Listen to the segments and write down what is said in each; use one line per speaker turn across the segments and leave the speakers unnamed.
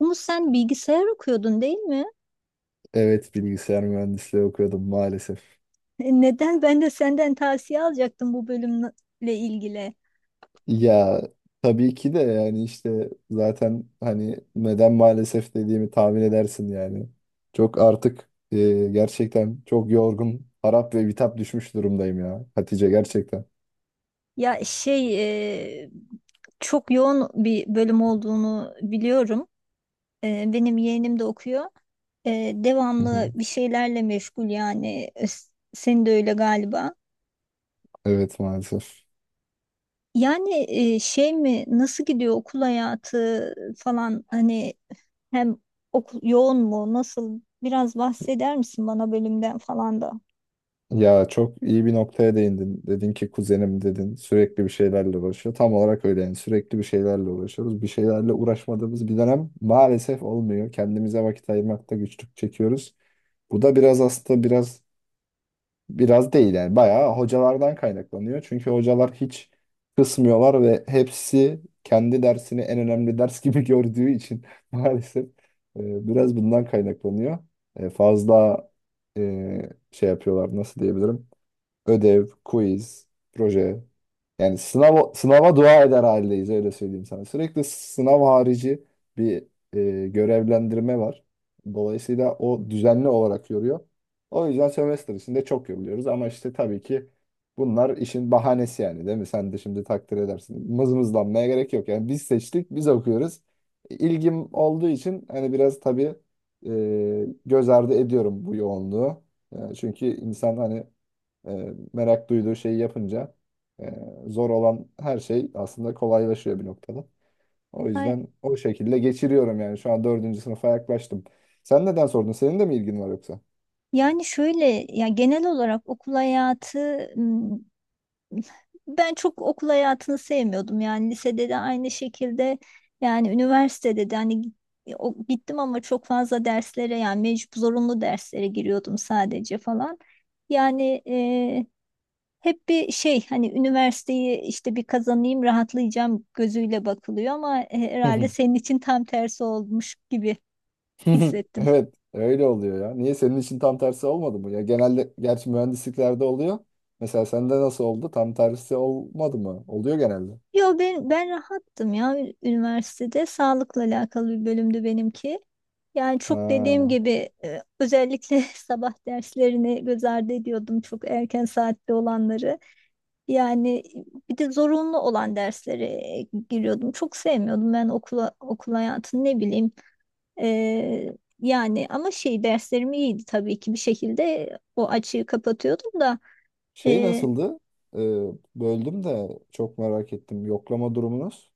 Umut, sen bilgisayar okuyordun, değil mi?
Evet bilgisayar mühendisliği okuyordum maalesef.
Neden ben de senden tavsiye alacaktım bu bölümle ilgili?
Ya tabii ki de yani işte zaten hani neden maalesef dediğimi tahmin edersin yani. Çok artık gerçekten çok yorgun, harap ve bitap düşmüş durumdayım ya Hatice gerçekten.
Ya şey e, Çok yoğun bir bölüm olduğunu biliyorum. Benim yeğenim de okuyor.
Hı hı.
Devamlı bir şeylerle meşgul yani. Senin de öyle galiba.
Evet maalesef.
Yani e, şey mi nasıl gidiyor okul hayatı falan, hani hem okul yoğun mu, nasıl? Biraz bahseder misin bana bölümden falan
Ya çok iyi bir noktaya değindin. Dedin ki kuzenim dedin sürekli bir şeylerle uğraşıyor. Tam olarak öyle yani sürekli bir şeylerle uğraşıyoruz. Bir şeylerle uğraşmadığımız bir dönem maalesef olmuyor. Kendimize vakit ayırmakta güçlük çekiyoruz. Bu da biraz aslında biraz biraz değil yani bayağı hocalardan kaynaklanıyor. Çünkü hocalar hiç kısmıyorlar ve hepsi kendi dersini en önemli ders gibi gördüğü için maalesef biraz bundan kaynaklanıyor. Fazla şey yapıyorlar, nasıl diyebilirim? Ödev, quiz, proje. Yani sınav, sınava dua eder haldeyiz, öyle söyleyeyim sana. Sürekli sınav harici bir görevlendirme var. Dolayısıyla o düzenli olarak yoruyor. O yüzden sömestr içinde çok yoruluyoruz ama işte tabii ki bunlar işin bahanesi yani, değil mi? Sen de şimdi takdir edersin. Mızmızlanmaya gerek yok. Yani biz seçtik, biz okuyoruz. İlgim olduğu için hani biraz tabii göz ardı ediyorum bu yoğunluğu. Yani çünkü insan hani e, merak duyduğu şeyi yapınca e, zor olan her şey aslında kolaylaşıyor bir noktada. O
da?
yüzden o şekilde geçiriyorum yani. Şu an dördüncü sınıfa yaklaştım. Sen neden sordun? Senin de mi ilgin var yoksa?
Yani şöyle, ya genel olarak okul hayatı, m, ben çok okul hayatını sevmiyordum, yani lisede de aynı şekilde, yani üniversitede de hani gittim ama çok fazla derslere, yani mecbur zorunlu derslere giriyordum sadece falan. Yani e, Hep bir şey, hani üniversiteyi işte bir kazanayım rahatlayacağım gözüyle bakılıyor, ama
Hı
herhalde
hı.
senin için tam tersi olmuş gibi hissettim.
Evet, öyle oluyor ya. Niye, senin için tam tersi olmadı mı? Ya genelde gerçi mühendisliklerde oluyor. Mesela sende nasıl oldu? Tam tersi olmadı mı? Oluyor genelde.
Yo, ben rahattım ya. Üniversitede sağlıkla alakalı bir bölümdü benimki. Yani çok, dediğim
Ha.
gibi, özellikle sabah derslerini göz ardı ediyordum, çok erken saatte olanları. Yani bir de zorunlu olan derslere giriyordum. Çok sevmiyordum ben okula, okul hayatını, ne bileyim. E, yani ama şey, derslerim iyiydi tabii ki, bir şekilde o açığı kapatıyordum da.
Şey nasıldı? Ee, Böldüm de çok merak ettim. Yoklama durumunuz.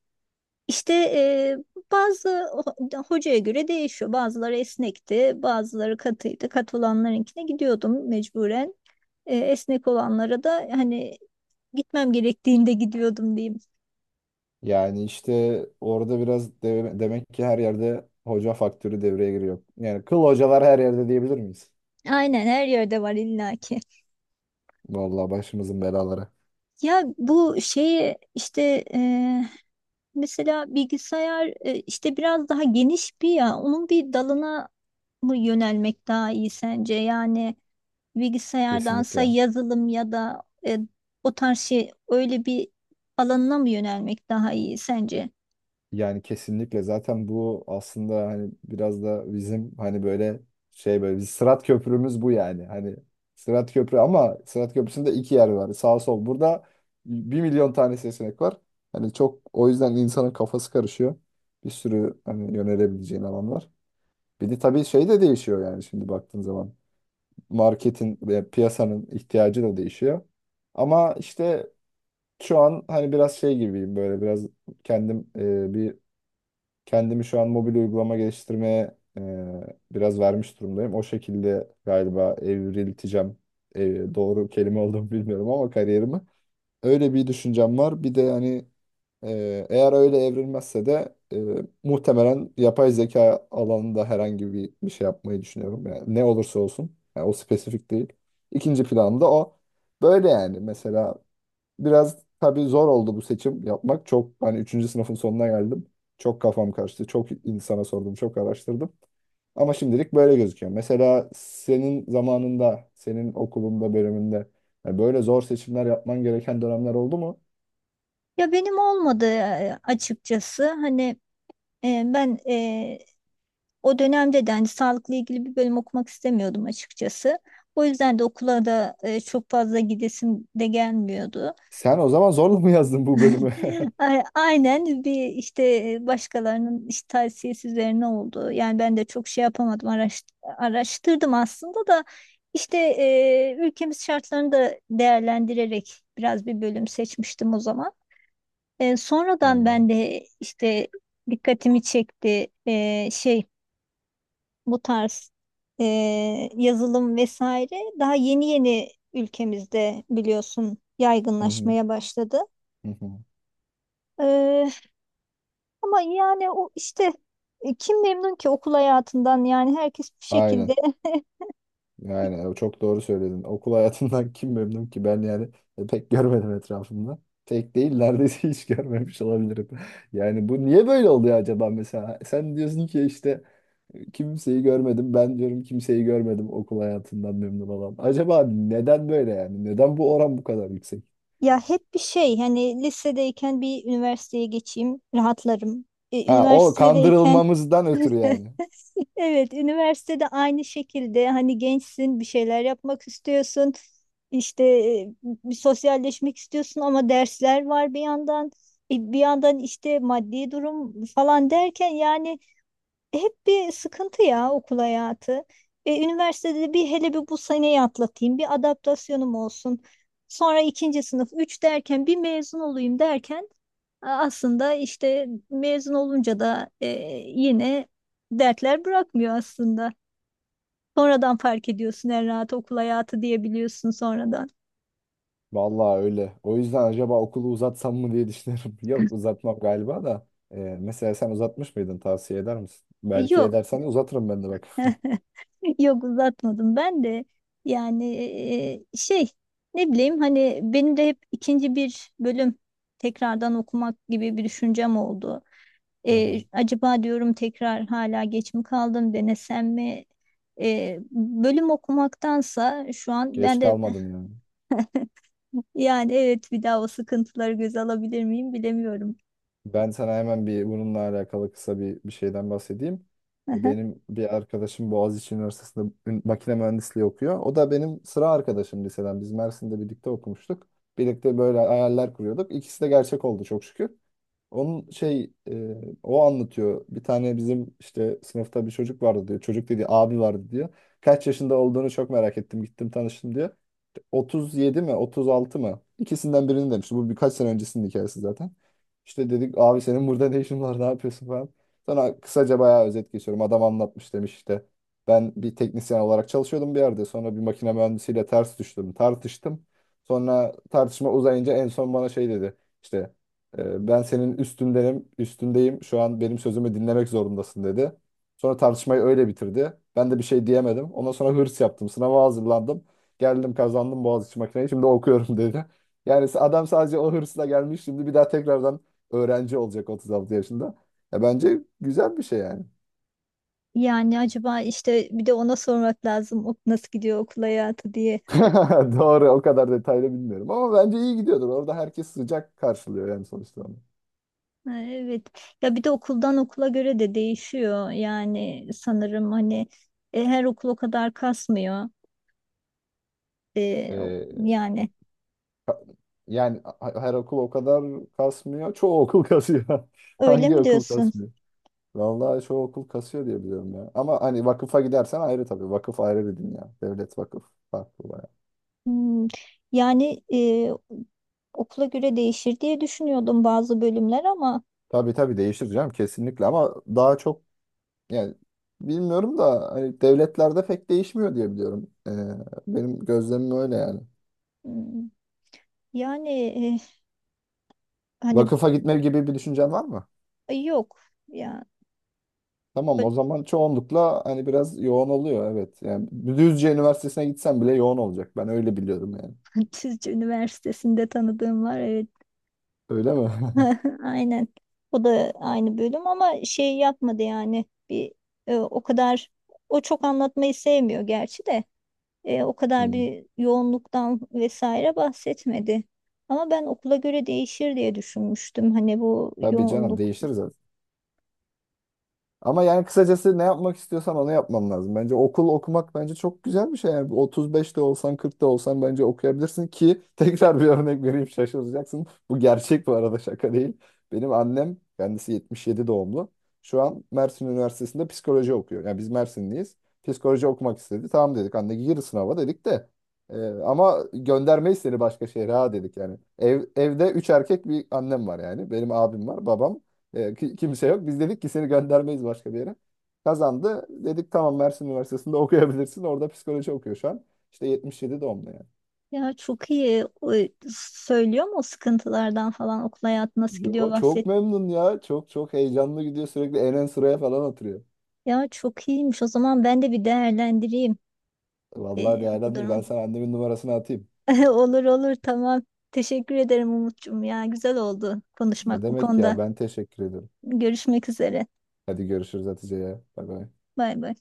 İşte e, Bazı hocaya göre değişiyor. Bazıları esnekti, bazıları katıydı. Katı olanlarınkine gidiyordum mecburen. Esnek olanlara da hani gitmem gerektiğinde gidiyordum diyeyim.
Yani işte orada biraz demek ki her yerde hoca faktörü devreye giriyor. Yani kıl hocalar her yerde diyebilir miyiz?
Aynen, her yerde var illaki.
Vallahi başımızın belaları.
Ya bu şeyi işte e, Mesela bilgisayar, işte biraz daha geniş bir, ya onun bir dalına mı yönelmek daha iyi sence? Yani bilgisayardansa
Kesinlikle.
yazılım ya da o tarz şey, öyle bir alanına mı yönelmek daha iyi sence?
Yani kesinlikle zaten bu aslında hani biraz da bizim hani böyle şey, böyle biz Sırat Köprümüz bu yani. Hani Sırat Köprü ama Sırat Köprüsü'nde iki yer var, sağ sol. Burada bir milyon tane seçenek var. Hani çok, o yüzden insanın kafası karışıyor. Bir sürü hani yönelebileceğin alan var. Bir de tabii şey de değişiyor yani şimdi baktığın zaman. Marketin ve piyasanın ihtiyacı da değişiyor. Ama işte şu an hani biraz şey gibiyim, böyle biraz kendim Kendimi şu an mobil uygulama geliştirmeye biraz vermiş durumdayım. O şekilde galiba evrilteceğim. Doğru kelime olduğunu bilmiyorum ama kariyerimi. Öyle bir düşüncem var. Bir de hani eğer öyle evrilmezse de muhtemelen yapay zeka alanında herhangi bir şey yapmayı düşünüyorum. Yani ne olursa olsun. Yani o spesifik değil. İkinci planım da o. Böyle yani. Mesela biraz tabii zor oldu bu seçim yapmak. Çok hani üçüncü sınıfın sonuna geldim. Çok kafam karıştı. Çok insana sordum, çok araştırdım. Ama şimdilik böyle gözüküyor. Mesela senin zamanında, senin okulunda, bölümünde yani böyle zor seçimler yapman gereken dönemler oldu mu?
Ya benim olmadı açıkçası. Hani e, ben e, o dönemde de hani sağlıkla ilgili bir bölüm okumak istemiyordum açıkçası. O yüzden de okula da çok fazla gidesim de gelmiyordu.
Sen o zaman zorla mı yazdın bu bölümü?
Aynen, bir işte başkalarının işte tavsiyesi üzerine oldu. Yani ben de çok şey yapamadım, araştırdım aslında da işte, ülkemiz şartlarını da değerlendirerek biraz bir bölüm seçmiştim o zaman.
Ha,
Sonradan ben de işte dikkatimi çekti, şey, bu tarz e, yazılım vesaire daha yeni yeni ülkemizde, biliyorsun,
hı hı,
yaygınlaşmaya başladı.
hı hı.
Ama yani o işte, kim memnun ki okul hayatından, yani herkes bir şekilde
Aynen. Yani çok doğru söyledin. Okul hayatından kim memnun ki? Ben yani pek görmedim etrafımda. Tek değil, neredeyse hiç görmemiş olabilirim. Yani bu niye böyle oluyor acaba mesela? Sen diyorsun ki işte kimseyi görmedim. Ben diyorum kimseyi görmedim okul hayatından memnun olan. Acaba neden böyle yani? Neden bu oran bu kadar yüksek?
ya hep bir şey, hani lisedeyken bir üniversiteye geçeyim rahatlarım.
Ha, o
Üniversitedeyken
kandırılmamızdan ötürü yani.
evet, üniversitede aynı şekilde, hani gençsin, bir şeyler yapmak istiyorsun, işte bir sosyalleşmek istiyorsun, ama dersler var bir yandan, bir yandan işte maddi durum falan derken, yani hep bir sıkıntı ya okul hayatı. Üniversitede bir, hele bir bu seneyi atlatayım, bir adaptasyonum olsun. Sonra ikinci sınıf, üç derken, bir mezun olayım derken. Aslında işte mezun olunca da yine dertler bırakmıyor aslında. Sonradan fark ediyorsun, en rahat okul hayatı diyebiliyorsun sonradan.
Vallahi öyle. O yüzden acaba okulu uzatsam mı diye düşünüyorum. Yok, uzatmam galiba da. Mesela sen uzatmış mıydın? Tavsiye eder misin? Belki
Yok.
edersen uzatırım ben de bak.
Yok, uzatmadım ben de. Yani, ne bileyim, hani benim de hep ikinci bir bölüm tekrardan okumak gibi bir düşüncem oldu.
Hı hı.
Acaba diyorum, tekrar, hala geç mi kaldım, denesem mi? Bölüm okumaktansa şu an
Geç
ben de,
kalmadın yani.
yani, evet, bir daha o sıkıntıları göze alabilir miyim bilemiyorum.
Ben sana hemen bir bununla alakalı kısa bir şeyden bahsedeyim.
Aha.
Benim bir arkadaşım Boğaziçi Üniversitesi'nde makine mühendisliği okuyor. O da benim sıra arkadaşım liseden. Biz Mersin'de birlikte okumuştuk. Birlikte böyle hayaller kuruyorduk. İkisi de gerçek oldu, çok şükür. Onun o anlatıyor. Bir tane bizim işte sınıfta bir çocuk vardı diyor. Çocuk dediği abi vardı diyor. Kaç yaşında olduğunu çok merak ettim. Gittim tanıştım diyor. 37 mi 36 mı? İkisinden birini demişti. Bu birkaç sene öncesinin hikayesi zaten. İşte dedik abi senin burada ne işin var, ne yapıyorsun falan. Sonra kısaca bayağı özet geçiyorum. Adam anlatmış, demiş işte. Ben bir teknisyen olarak çalışıyordum bir yerde. Sonra bir makine mühendisiyle ters düştüm. Tartıştım. Sonra tartışma uzayınca en son bana şey dedi. İşte ben senin üstündenim, üstündeyim. Şu an benim sözümü dinlemek zorundasın, dedi. Sonra tartışmayı öyle bitirdi. Ben de bir şey diyemedim. Ondan sonra hırs yaptım. Sınava hazırlandım. Geldim, kazandım Boğaziçi makineyi, şimdi okuyorum dedi. Yani adam sadece o hırsla gelmiş, şimdi bir daha tekrardan öğrenci olacak 36 yaşında. Ya bence güzel bir şey yani.
Yani acaba işte bir de ona sormak lazım, ok nasıl gidiyor okul hayatı diye.
Doğru, o kadar detaylı bilmiyorum ama bence iyi gidiyordur. Orada herkes sıcak karşılıyor yani sonuçta. Onu.
Ha, evet, ya bir de okuldan okula göre de değişiyor yani, sanırım hani her okul o kadar kasmıyor.
Ee,
Yani,
Yani her okul o kadar kasmıyor. Çoğu okul kasıyor.
öyle
Hangi
mi
okul
diyorsun?
kasmıyor? Vallahi çoğu okul kasıyor diye biliyorum ya. Ama hani vakıfa gidersen ayrı tabii. Vakıf ayrı bir dünya. Devlet, vakıf farklı.
Hmm. Yani, okula göre değişir diye düşünüyordum, bazı bölümler ama.
Tabii tabii, değiştireceğim kesinlikle ama daha çok yani bilmiyorum da hani devletlerde pek değişmiyor diye biliyorum. Benim gözlemim öyle yani.
Hmm, yani e, hani
Vakıfa gitme gibi bir düşüncen var mı?
yok ya.
Tamam, o zaman çoğunlukla hani biraz yoğun oluyor, evet. Yani Düzce Üniversitesi'ne gitsem bile yoğun olacak. Ben öyle biliyorum yani.
Çizci Üniversitesi'nde tanıdığım var, evet.
Öyle mi?
Aynen. O da aynı bölüm, ama şey yapmadı yani, bir o kadar, o çok anlatmayı sevmiyor gerçi de, o kadar
Hmm.
bir yoğunluktan vesaire bahsetmedi. Ama ben okula göre değişir diye düşünmüştüm, hani bu
Tabii canım,
yoğunluk.
değiştiririz. Ama yani kısacası ne yapmak istiyorsan onu yapman lazım. Bence okul okumak, bence çok güzel bir şey. Yani 35'te olsan 40'ta olsan bence okuyabilirsin ki tekrar bir örnek vereyim, şaşıracaksın. Bu gerçek bu arada, şaka değil. Benim annem kendisi 77 doğumlu. Şu an Mersin Üniversitesi'nde psikoloji okuyor. Yani biz Mersinliyiz. Psikoloji okumak istedi. Tamam dedik, anne gir sınava dedik de. Ama göndermeyiz seni başka şehre ha, dedik yani. Evde 3 erkek bir annem var yani. Benim abim var, babam. Kimse yok. Biz dedik ki seni göndermeyiz başka bir yere. Kazandı. Dedik tamam, Mersin Üniversitesi'nde okuyabilirsin. Orada psikoloji okuyor şu an. İşte 77 doğumlu yani.
Ya çok iyi, o söylüyor mu, o sıkıntılardan falan okul hayatı nasıl gidiyor,
Yo, çok
bahset.
memnun ya. Çok çok heyecanlı gidiyor. Sürekli en ön sıraya falan oturuyor.
Ya çok iyiymiş o zaman, ben de bir değerlendireyim
Vallahi
bu
değerlendir. Ben
durum.
sana annemin numarasını atayım.
Olur olur, tamam. Teşekkür ederim Umut'cum ya. Güzel oldu
Ne
konuşmak bu
demek
konuda.
ya? Ben teşekkür ederim.
Görüşmek üzere.
Hadi görüşürüz Hatice ya. Bay bay.
Bay bay.